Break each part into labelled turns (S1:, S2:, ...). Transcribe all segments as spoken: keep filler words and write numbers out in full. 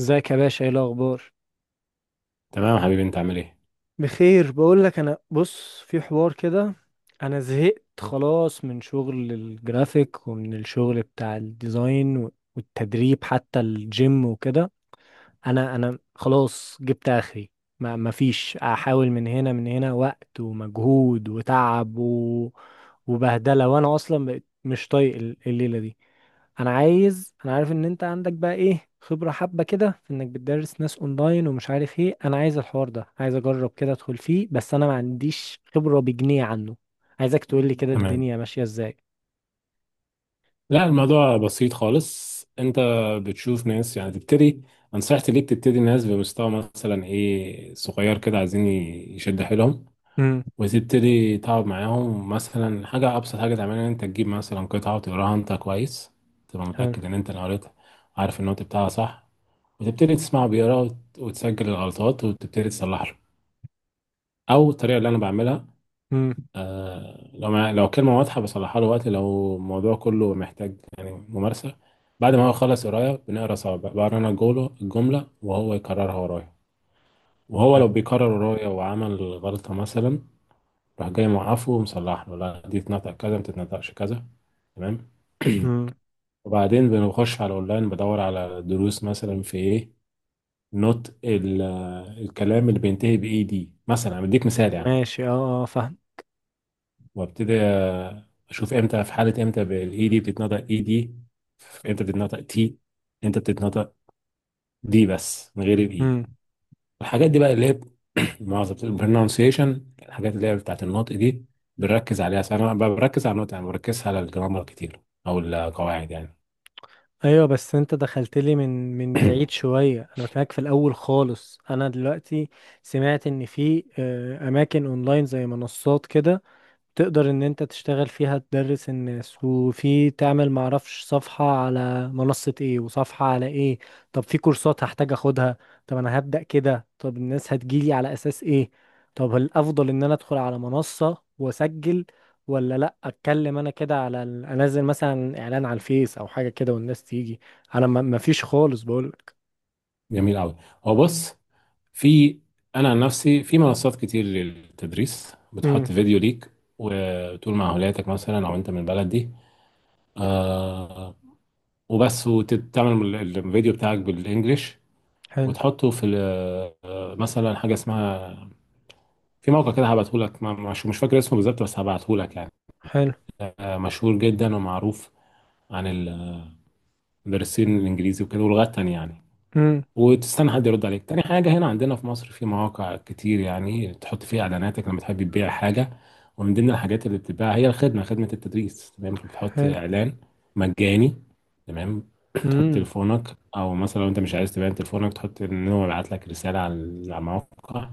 S1: ازيك يا باشا؟ ايه الاخبار؟
S2: تمام حبيبي، انت عامل ايه؟
S1: بخير. بقول لك، انا بص في حوار كده. انا زهقت خلاص من شغل الجرافيك ومن الشغل بتاع الديزاين و- والتدريب حتى الجيم وكده. انا انا خلاص جبت اخري. ما ما فيش، احاول من هنا من هنا وقت ومجهود وتعب و... وبهدلة، وانا اصلا بقيت مش طايق ال- الليلة دي. انا عايز انا عارف ان انت عندك بقى ايه خبرة حبة كده في انك بتدرس ناس اونلاين ومش عارف ايه، انا عايز الحوار ده، عايز اجرب كده ادخل فيه، بس انا ما عنديش خبرة بجنيه عنه. عايزك تقول لي كده
S2: تمام.
S1: الدنيا ماشية ازاي.
S2: لا، الموضوع بسيط خالص. انت بتشوف ناس يعني تبتدي. نصيحتي ليك تبتدي ناس بمستوى مثلا ايه، صغير كده، عايزين يشد حيلهم.
S1: امم.
S2: وتبتدي تقعد معاهم. مثلا حاجة أبسط حاجة تعملها إن أنت تجيب مثلا قطعة وتقراها أنت كويس، تبقى
S1: حلو
S2: متأكد إن أنت اللي قريتها، عارف النوت بتاعها صح، وتبتدي تسمعه بيقرا وت- وتسجل الغلطات وتبتدي تصلحها. أو الطريقة اللي أنا بعملها،
S1: امم
S2: آه، لو مع... لو الكلمة واضحة بصلحها له. وقت لو الموضوع كله محتاج يعني ممارسة، بعد ما هو يخلص قراية بنقرا سوا بقى. بقرا أنا الجملة الجملة وهو يكررها ورايا. وهو لو
S1: فاهم؟
S2: بيكرر ورايا وعمل غلطة مثلا، راح جاي موقفه ومصلح له، لا دي تتنطق كذا، ما تتنطقش كذا. تمام.
S1: امم.
S2: وبعدين بنخش على الأونلاين بدور على دروس مثلا في إيه، نوت ال... الكلام اللي بينتهي بإيه دي مثلا، أنا بديك مثال يعني.
S1: ماشي، اه، اه، فاهم.
S2: وابتدي اشوف امتى في حاله، امتى بالاي دي بتتنطق اي دي، امتى بتتنطق تي، امتى بتتنطق دي بس من غير الاي.
S1: امم.
S2: الحاجات دي بقى اللي هي معظم البرونسيشن، الحاجات اللي هي بتاعت النطق دي بنركز عليها. بس انا ب- بركز على النطق يعني، ما بركزش على الجرامر كتير او القواعد يعني.
S1: ايوه، بس انت دخلت لي من من بعيد شوية. انا بكلمك في الاول خالص. انا دلوقتي سمعت ان في آه، اماكن اونلاين زي منصات كده، تقدر ان انت تشتغل فيها تدرس الناس، وفي تعمل معرفش صفحة على منصة ايه وصفحة على ايه. طب في كورسات هحتاج اخدها؟ طب انا هبدأ كده، طب الناس هتجيلي على اساس ايه؟ طب الافضل ان انا ادخل على منصة واسجل، ولا لا اتكلم انا كده على ال- انزل مثلا اعلان على الفيس او حاجة كده والناس تيجي؟ انا ما ما فيش خالص بقولك.
S2: جميل قوي. هو بص، في، انا عن نفسي في منصات كتير للتدريس،
S1: امم.
S2: بتحط فيديو ليك وتقول مع اولادك مثلا او انت من البلد دي، آه، وبس. وتعمل ال- الفيديو بتاعك بالانجلش
S1: حلو.
S2: وتحطه في ال- مثلا حاجه اسمها، في موقع كده هبعته لك، مش مش فاكر اسمه بالظبط بس هبعته لك يعني.
S1: حلو.
S2: آه، مشهور جدا ومعروف عن المدرسين الانجليزي وكده ولغات تانية يعني.
S1: امم.
S2: وتستنى حد يرد عليك. تاني حاجة، هنا عندنا في مصر في مواقع كتير يعني تحط فيها إعلاناتك لما تحب تبيع حاجة، ومن ضمن الحاجات اللي بتتباع هي الخدمة، خدمة التدريس. تمام، فبتحط
S1: حلو.
S2: إعلان مجاني. تمام. تحط
S1: امم.
S2: تليفونك، أو مثلا لو أنت مش عايز تبيع تليفونك تحط إن هو يبعت لك رسالة على الموقع،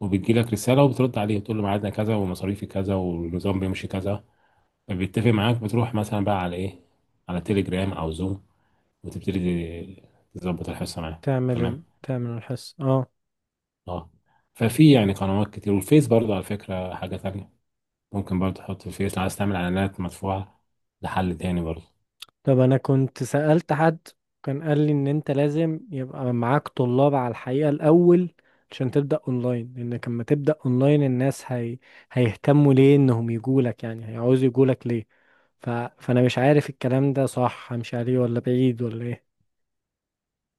S2: وبتجي لك رسالة وبترد عليه تقول له ميعادنا كذا ومصاريفي كذا والنظام بيمشي كذا. فبيتفق معاك، بتروح مثلا بقى على إيه، على تليجرام أو زوم، وتبتدي تظبط الحصة معاه.
S1: تعمل ال...
S2: تمام.
S1: تعمل الحس اه.
S2: اه. ففي يعني قنوات كتير، والفيس برضه على فكرة حاجة تانية، ممكن برضه تحط الفيس لو عايز تعمل اعلانات مدفوعة، لحل تاني برضه.
S1: طب انا كنت سألت حد، كان قال لي ان انت لازم يبقى معاك طلاب على الحقيقة الاول عشان تبدأ اونلاين، لانك لما تبدأ اونلاين الناس هي... هيهتموا ليه انهم يجولك؟ يعني هيعوزوا يجولك ليه؟ ف... فانا مش عارف الكلام ده صح همشي عليه ولا بعيد ولا ايه.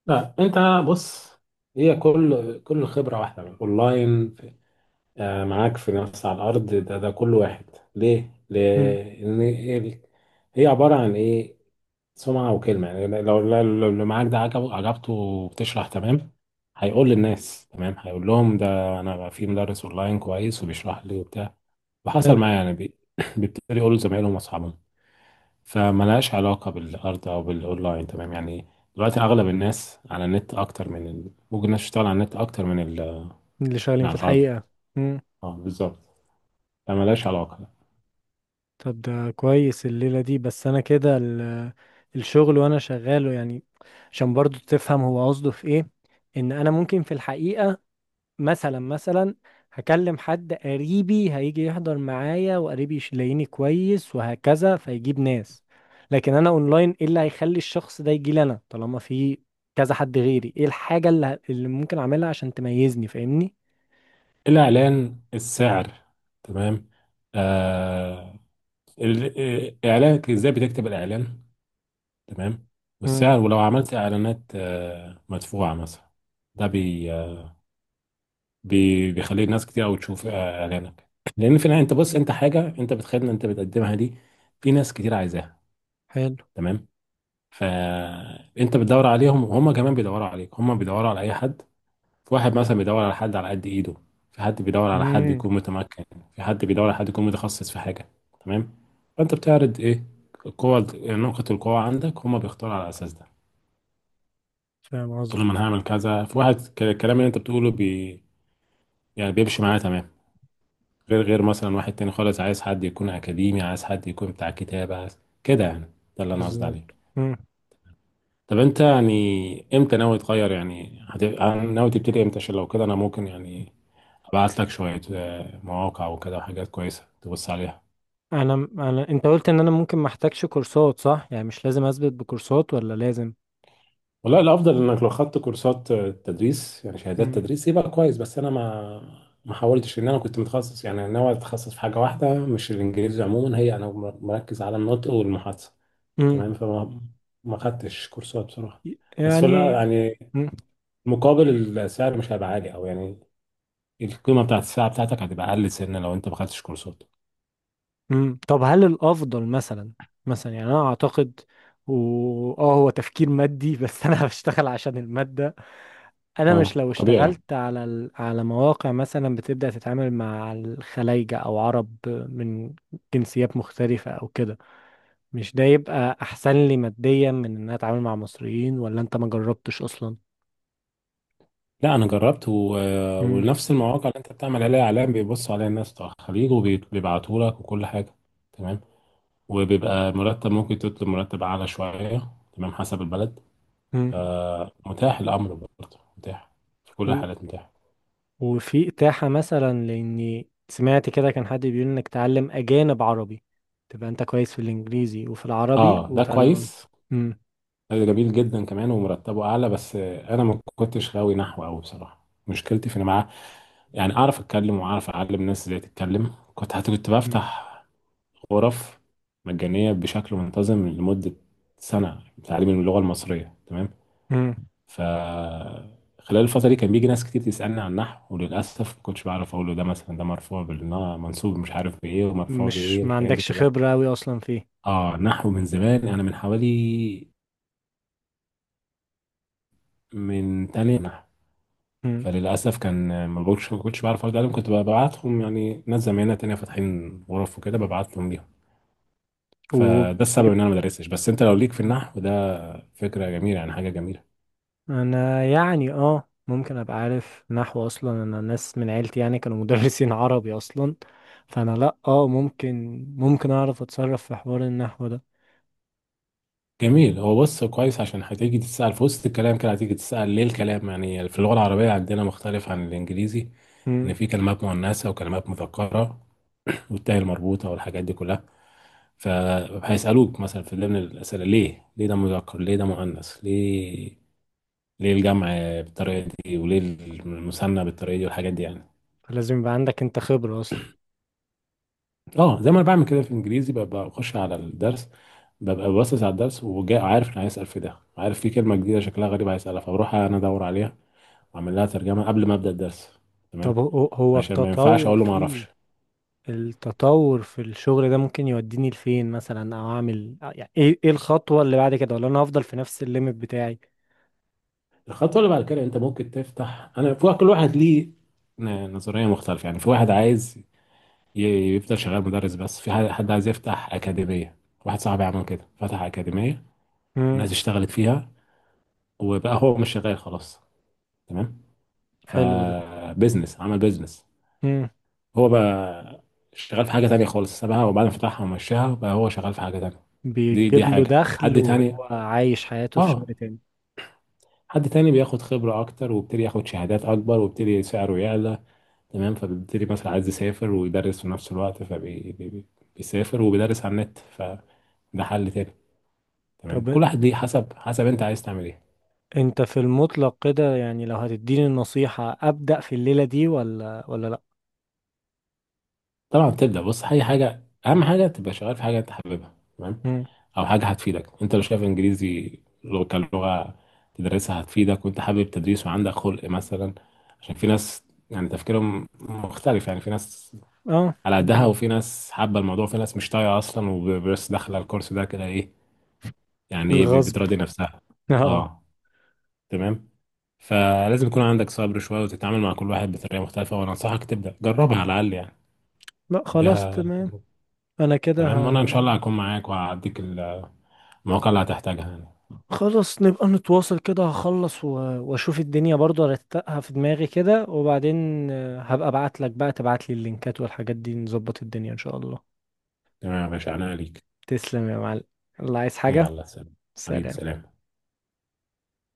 S2: لا انت، بص، هي كل كل خبرة، واحدة اونلاين، آه، معاك في نفس على الارض، ده ده كل واحد ليه؟
S1: امم.
S2: لان ال- هي عبارة عن ايه؟ سمعة وكلمة. يعني لو لو لو اللي معاك ده عجب، عجبته وبتشرح تمام، هيقول للناس تمام، هيقول لهم ده أنا في مدرس أونلاين كويس وبيشرح لي وبتاع. وحصل
S1: حلو.
S2: معايا يعني، بي- بيبتدي يقولوا لزمايلهم وأصحابهم. فملهاش علاقة بالأرض أو بالأونلاين، تمام يعني. دلوقتي أغلب الناس على النت، أكتر من ال... ممكن الناس تشتغل على النت أكتر من, ال...
S1: اللي شغالين
S2: من
S1: في
S2: على الأرض.
S1: الحقيقة. امم.
S2: أه بالظبط، فملهاش علاقة.
S1: طب ده كويس. الليلة دي بس انا كده ال... الشغل وانا شغاله يعني. عشان برضو تفهم هو قصده في ايه. ان انا ممكن في الحقيقة، مثلا مثلا هكلم حد قريبي هيجي يحضر معايا وقريبي يلاقيني كويس وهكذا فيجيب ناس. لكن انا اونلاين، ايه اللي هيخلي الشخص ده يجي لي انا طالما في كذا حد غيري؟ ايه الحاجة اللي، ه- اللي ممكن اعملها عشان تميزني؟ فاهمني؟
S2: الإعلان، السعر، تمام. آه، ال- إعلانك إزاي بتكتب الإعلان، تمام،
S1: امم.
S2: والسعر. ولو عملت اعلانات آه، مدفوعه مثلا، ده بي آه، بي بيخلي الناس كتير قوي تشوف آه، اعلانك. لان في النهايه انت بص، انت حاجه انت بتخيل، انت بتقدمها دي في ناس كتير عايزاها،
S1: حلو.
S2: تمام. فانت بتدور عليهم، وهم كمان بيدوروا عليك. هم بيدوروا على اي حد. في واحد مثلا بيدور على حد على قد ايده، في حد بيدور على حد
S1: امم.
S2: يكون متمكن، في حد بيدور على حد يكون متخصص في حاجه، تمام. فانت بتعرض ايه؟ القوة، نقطة القوة عندك، هم بيختاروا على الاساس ده.
S1: فاهم
S2: تقول
S1: قصدك.
S2: لهم انا هعمل كذا، في واحد ك- الكلام اللي انت بتقوله بي، يعني بيمشي معاه تمام. غير غير مثلا واحد تاني خالص عايز حد يكون اكاديمي، عايز حد يكون بتاع كتابة، عايز كده يعني. ده اللي انا قصدي عليه.
S1: بالظبط. امم.
S2: طب انت يعني امتى ناوي تغير يعني هت... ناوي تبتدي امتى؟ عشان لو كده انا ممكن يعني ابعت لك شوية آه، مواقع وكده وحاجات كويسة تبص عليها.
S1: انا انا انت قلت ان انا ممكن ما احتاجش كورسات صح؟ يعني مش لازم اثبت بكورسات ولا لازم؟
S2: والله الافضل انك لو خدت كورسات تدريس يعني شهادات
S1: امم.
S2: تدريس يبقى كويس. بس انا ما ما حاولتش ان انا كنت متخصص، يعني ناوي اتخصص في حاجه واحده مش الانجليزي عموما، هي انا مركز على النطق والمحادثه،
S1: امم.
S2: تمام. فما ما خدتش كورسات بصراحه. بس في الأ-
S1: يعني
S2: يعني مقابل، السعر مش هيبقى عالي او يعني القيمه بتاعت الساعه بتاعتك هتبقى اقل سنه لو انت ما خدتش كورسات.
S1: مم. طب هل الافضل مثلا، مثلا يعني انا اعتقد و- اه هو تفكير مادي بس انا بشتغل عشان المادة. انا مش
S2: اه
S1: لو
S2: طبيعي يعني.
S1: اشتغلت على ال... على مواقع مثلا بتبدأ تتعامل مع الخلايجة او عرب من جنسيات مختلفة او كده، مش ده يبقى احسن لي ماديا من ان انا اتعامل مع مصريين؟ ولا انت ما جربتش اصلا؟
S2: لا انا جربت و...
S1: مم.
S2: ونفس المواقع اللي انت بتعمل عليها اعلان بيبص عليها الناس بتوع الخليج وبيبعتوا لك وكل حاجه، تمام. وبيبقى مرتب، ممكن تطلب مرتب أعلى شوية، تمام، حسب البلد.
S1: مم.
S2: فمتاح، الأمر برضه متاح في كل الحالات، متاح.
S1: وفي إتاحة مثلا؟ لأني سمعت كده كان حد بيقول إنك تعلم أجانب عربي، تبقى أنت كويس في الإنجليزي وفي العربي
S2: اه ده
S1: وتعلم.
S2: كويس.
S1: مم.
S2: ده جميل جدا كمان ومرتبه أعلى. بس آه، أنا ما كنتش غاوي نحو أوي بصراحة. مشكلتي في إن معاه يعني أعرف أتكلم وأعرف أعلم الناس إزاي تتكلم، كنت حتى كنت
S1: مم.
S2: بفتح غرف مجانية بشكل منتظم لمدة سنة تعليم اللغة المصرية، تمام.
S1: مم.
S2: فخلال الفترة دي كان بيجي ناس كتير تسألني عن النحو، وللأسف ما كنتش بعرف أقول له ده مثلا ده مرفوع بالنا منصوب مش عارف بإيه ومرفوع
S1: مش
S2: بإيه
S1: ما
S2: والحاجات دي
S1: عندكش
S2: كلها.
S1: خبرة أوي أصلا فيه.
S2: آه نحو من زمان، أنا من حوالي، من تانية نحو.
S1: مم.
S2: فللأسف كان، ما بقولش ما كنتش بعرف أرد عليهم، كنت ببعتهم يعني ناس زمايلنا تانية فاتحين غرف وكده، ببعتهم ليهم.
S1: و
S2: فده السبب إن أنا ما درستش. بس أنت لو ليك في النحو ده فكرة جميلة، يعني حاجة جميلة.
S1: أنا يعني آه ممكن أبقى عارف نحو أصلا، أنا ناس من عيلتي يعني كانوا مدرسين عربي أصلا. فأنا لأ، آه ممكن ممكن أعرف أتصرف في حوار النحو ده.
S2: جميل. هو بص، كويس، عشان هتيجي تتسأل في وسط الكلام كده، هتيجي تتسأل ليه الكلام يعني في اللغة العربية عندنا مختلف عن الإنجليزي،
S1: مم.
S2: إن في كلمات مؤنثة وكلمات مذكرة والتاء المربوطة والحاجات دي كلها. فهيسألوك مثلا في ضمن الأسئلة، ليه ليه ده مذكر، ليه ده مؤنث، ليه ليه الجمع بالطريقة دي وليه المثنى بالطريقة دي والحاجات دي يعني.
S1: فلازم يبقى عندك أنت خبرة أصلا.
S2: اه زي ما أنا بعمل كده في الإنجليزي، ببقى بخش على الدرس، ببقى باصص على الدرس وجاي عارف انا هيسأل في ده، عارف في كلمة جديدة شكلها غريب هيسألها، فبروح انا ادور عليها اعمل لها ترجمه قبل ما ابدا الدرس، تمام،
S1: طب هو هو
S2: عشان ما ينفعش
S1: التطور
S2: اقول له ما
S1: فيه،
S2: اعرفش.
S1: التطور في الشغل ده ممكن يوديني لفين مثلا، او اعمل آه، يعني ايه ايه الخطوة اللي بعد كده؟ ولا انا هفضل في نفس الليميت بتاعي؟
S2: الخطوه اللي بعد كده انت ممكن تفتح، انا في كل واحد ليه ن- نظريه مختلفه يعني. في واحد عايز ي- يفضل شغال مدرس بس، في حد حد عايز يفتح اكاديميه. واحد صاحبي عمل كده، فتح اكاديميه
S1: امم.
S2: والناس اشتغلت فيها وبقى هو مش شغال خلاص، تمام.
S1: حلو ده.
S2: فبزنس، عمل بزنس.
S1: امم.
S2: هو بقى شغال في حاجه تانية خالص، سابها وبعدين فتحها ومشاها بقى هو شغال في حاجه تانية. دي دي
S1: بيجيب له
S2: حاجه
S1: دخل
S2: حد
S1: وهو
S2: تاني.
S1: عايش حياته في
S2: اه.
S1: شغل تاني.
S2: حد تاني بياخد خبرة أكتر وبيبتدي ياخد شهادات أكبر وبيبتدي سعره يعلى، تمام. فبيبتدي مثلا عايز يسافر ويدرس في نفس الوقت، فبيسافر وبيدرس على النت، فده حل تاني، تمام.
S1: طب
S2: كل واحد ليه، حسب حسب أنت عايز تعمل إيه.
S1: انت في المطلق كده، يعني لو هتديني النصيحة، ابدأ في الليلة دي ولا ولا لا؟
S2: طبعا بتبدأ، بص، أي حاجة، أهم حاجة تبقى شغال في حاجة أنت حاببها، تمام.
S1: امم.
S2: أو حاجة هتفيدك، أنت لو شايف إنجليزي لغة كلغة تدرسها هتفيدك، وأنت حابب تدريس وعندك خلق مثلا، عشان في ناس يعني تفكيرهم مختلف. يعني في ناس
S1: اه،
S2: على قدها، وفي ناس حابة الموضوع، في ناس مش طايقة أصلا وبس داخلة الكورس ده كده، إيه يعني، إيه، ب-
S1: الغصب.
S2: بتراضي نفسها.
S1: اه.
S2: أه. تمام. فلازم يكون عندك صبر شوية وتتعامل مع كل واحد بطريقة مختلفة، وأنا أنصحك تبدأ جربها على الأقل يعني،
S1: لا خلاص
S2: اديها
S1: تمام،
S2: تجربة.
S1: انا كده
S2: تمام. وأنا إن شاء الله هكون معاك وهعديك المواقع اللي هتحتاجها يعني.
S1: خلاص. نبقى نتواصل كده. هخلص و... واشوف الدنيا برضو، ارتقها في دماغي كده، وبعدين آه، هبقى ابعت لك بقى، تبعت لي اللينكات والحاجات دي، نظبط الدنيا ان شاء الله.
S2: تمام يا باشا، أنا ليك.
S1: تسلم يا معلم. الله، عايز حاجة؟
S2: يلا، سلام. حبيبي،
S1: سلام.
S2: سلام.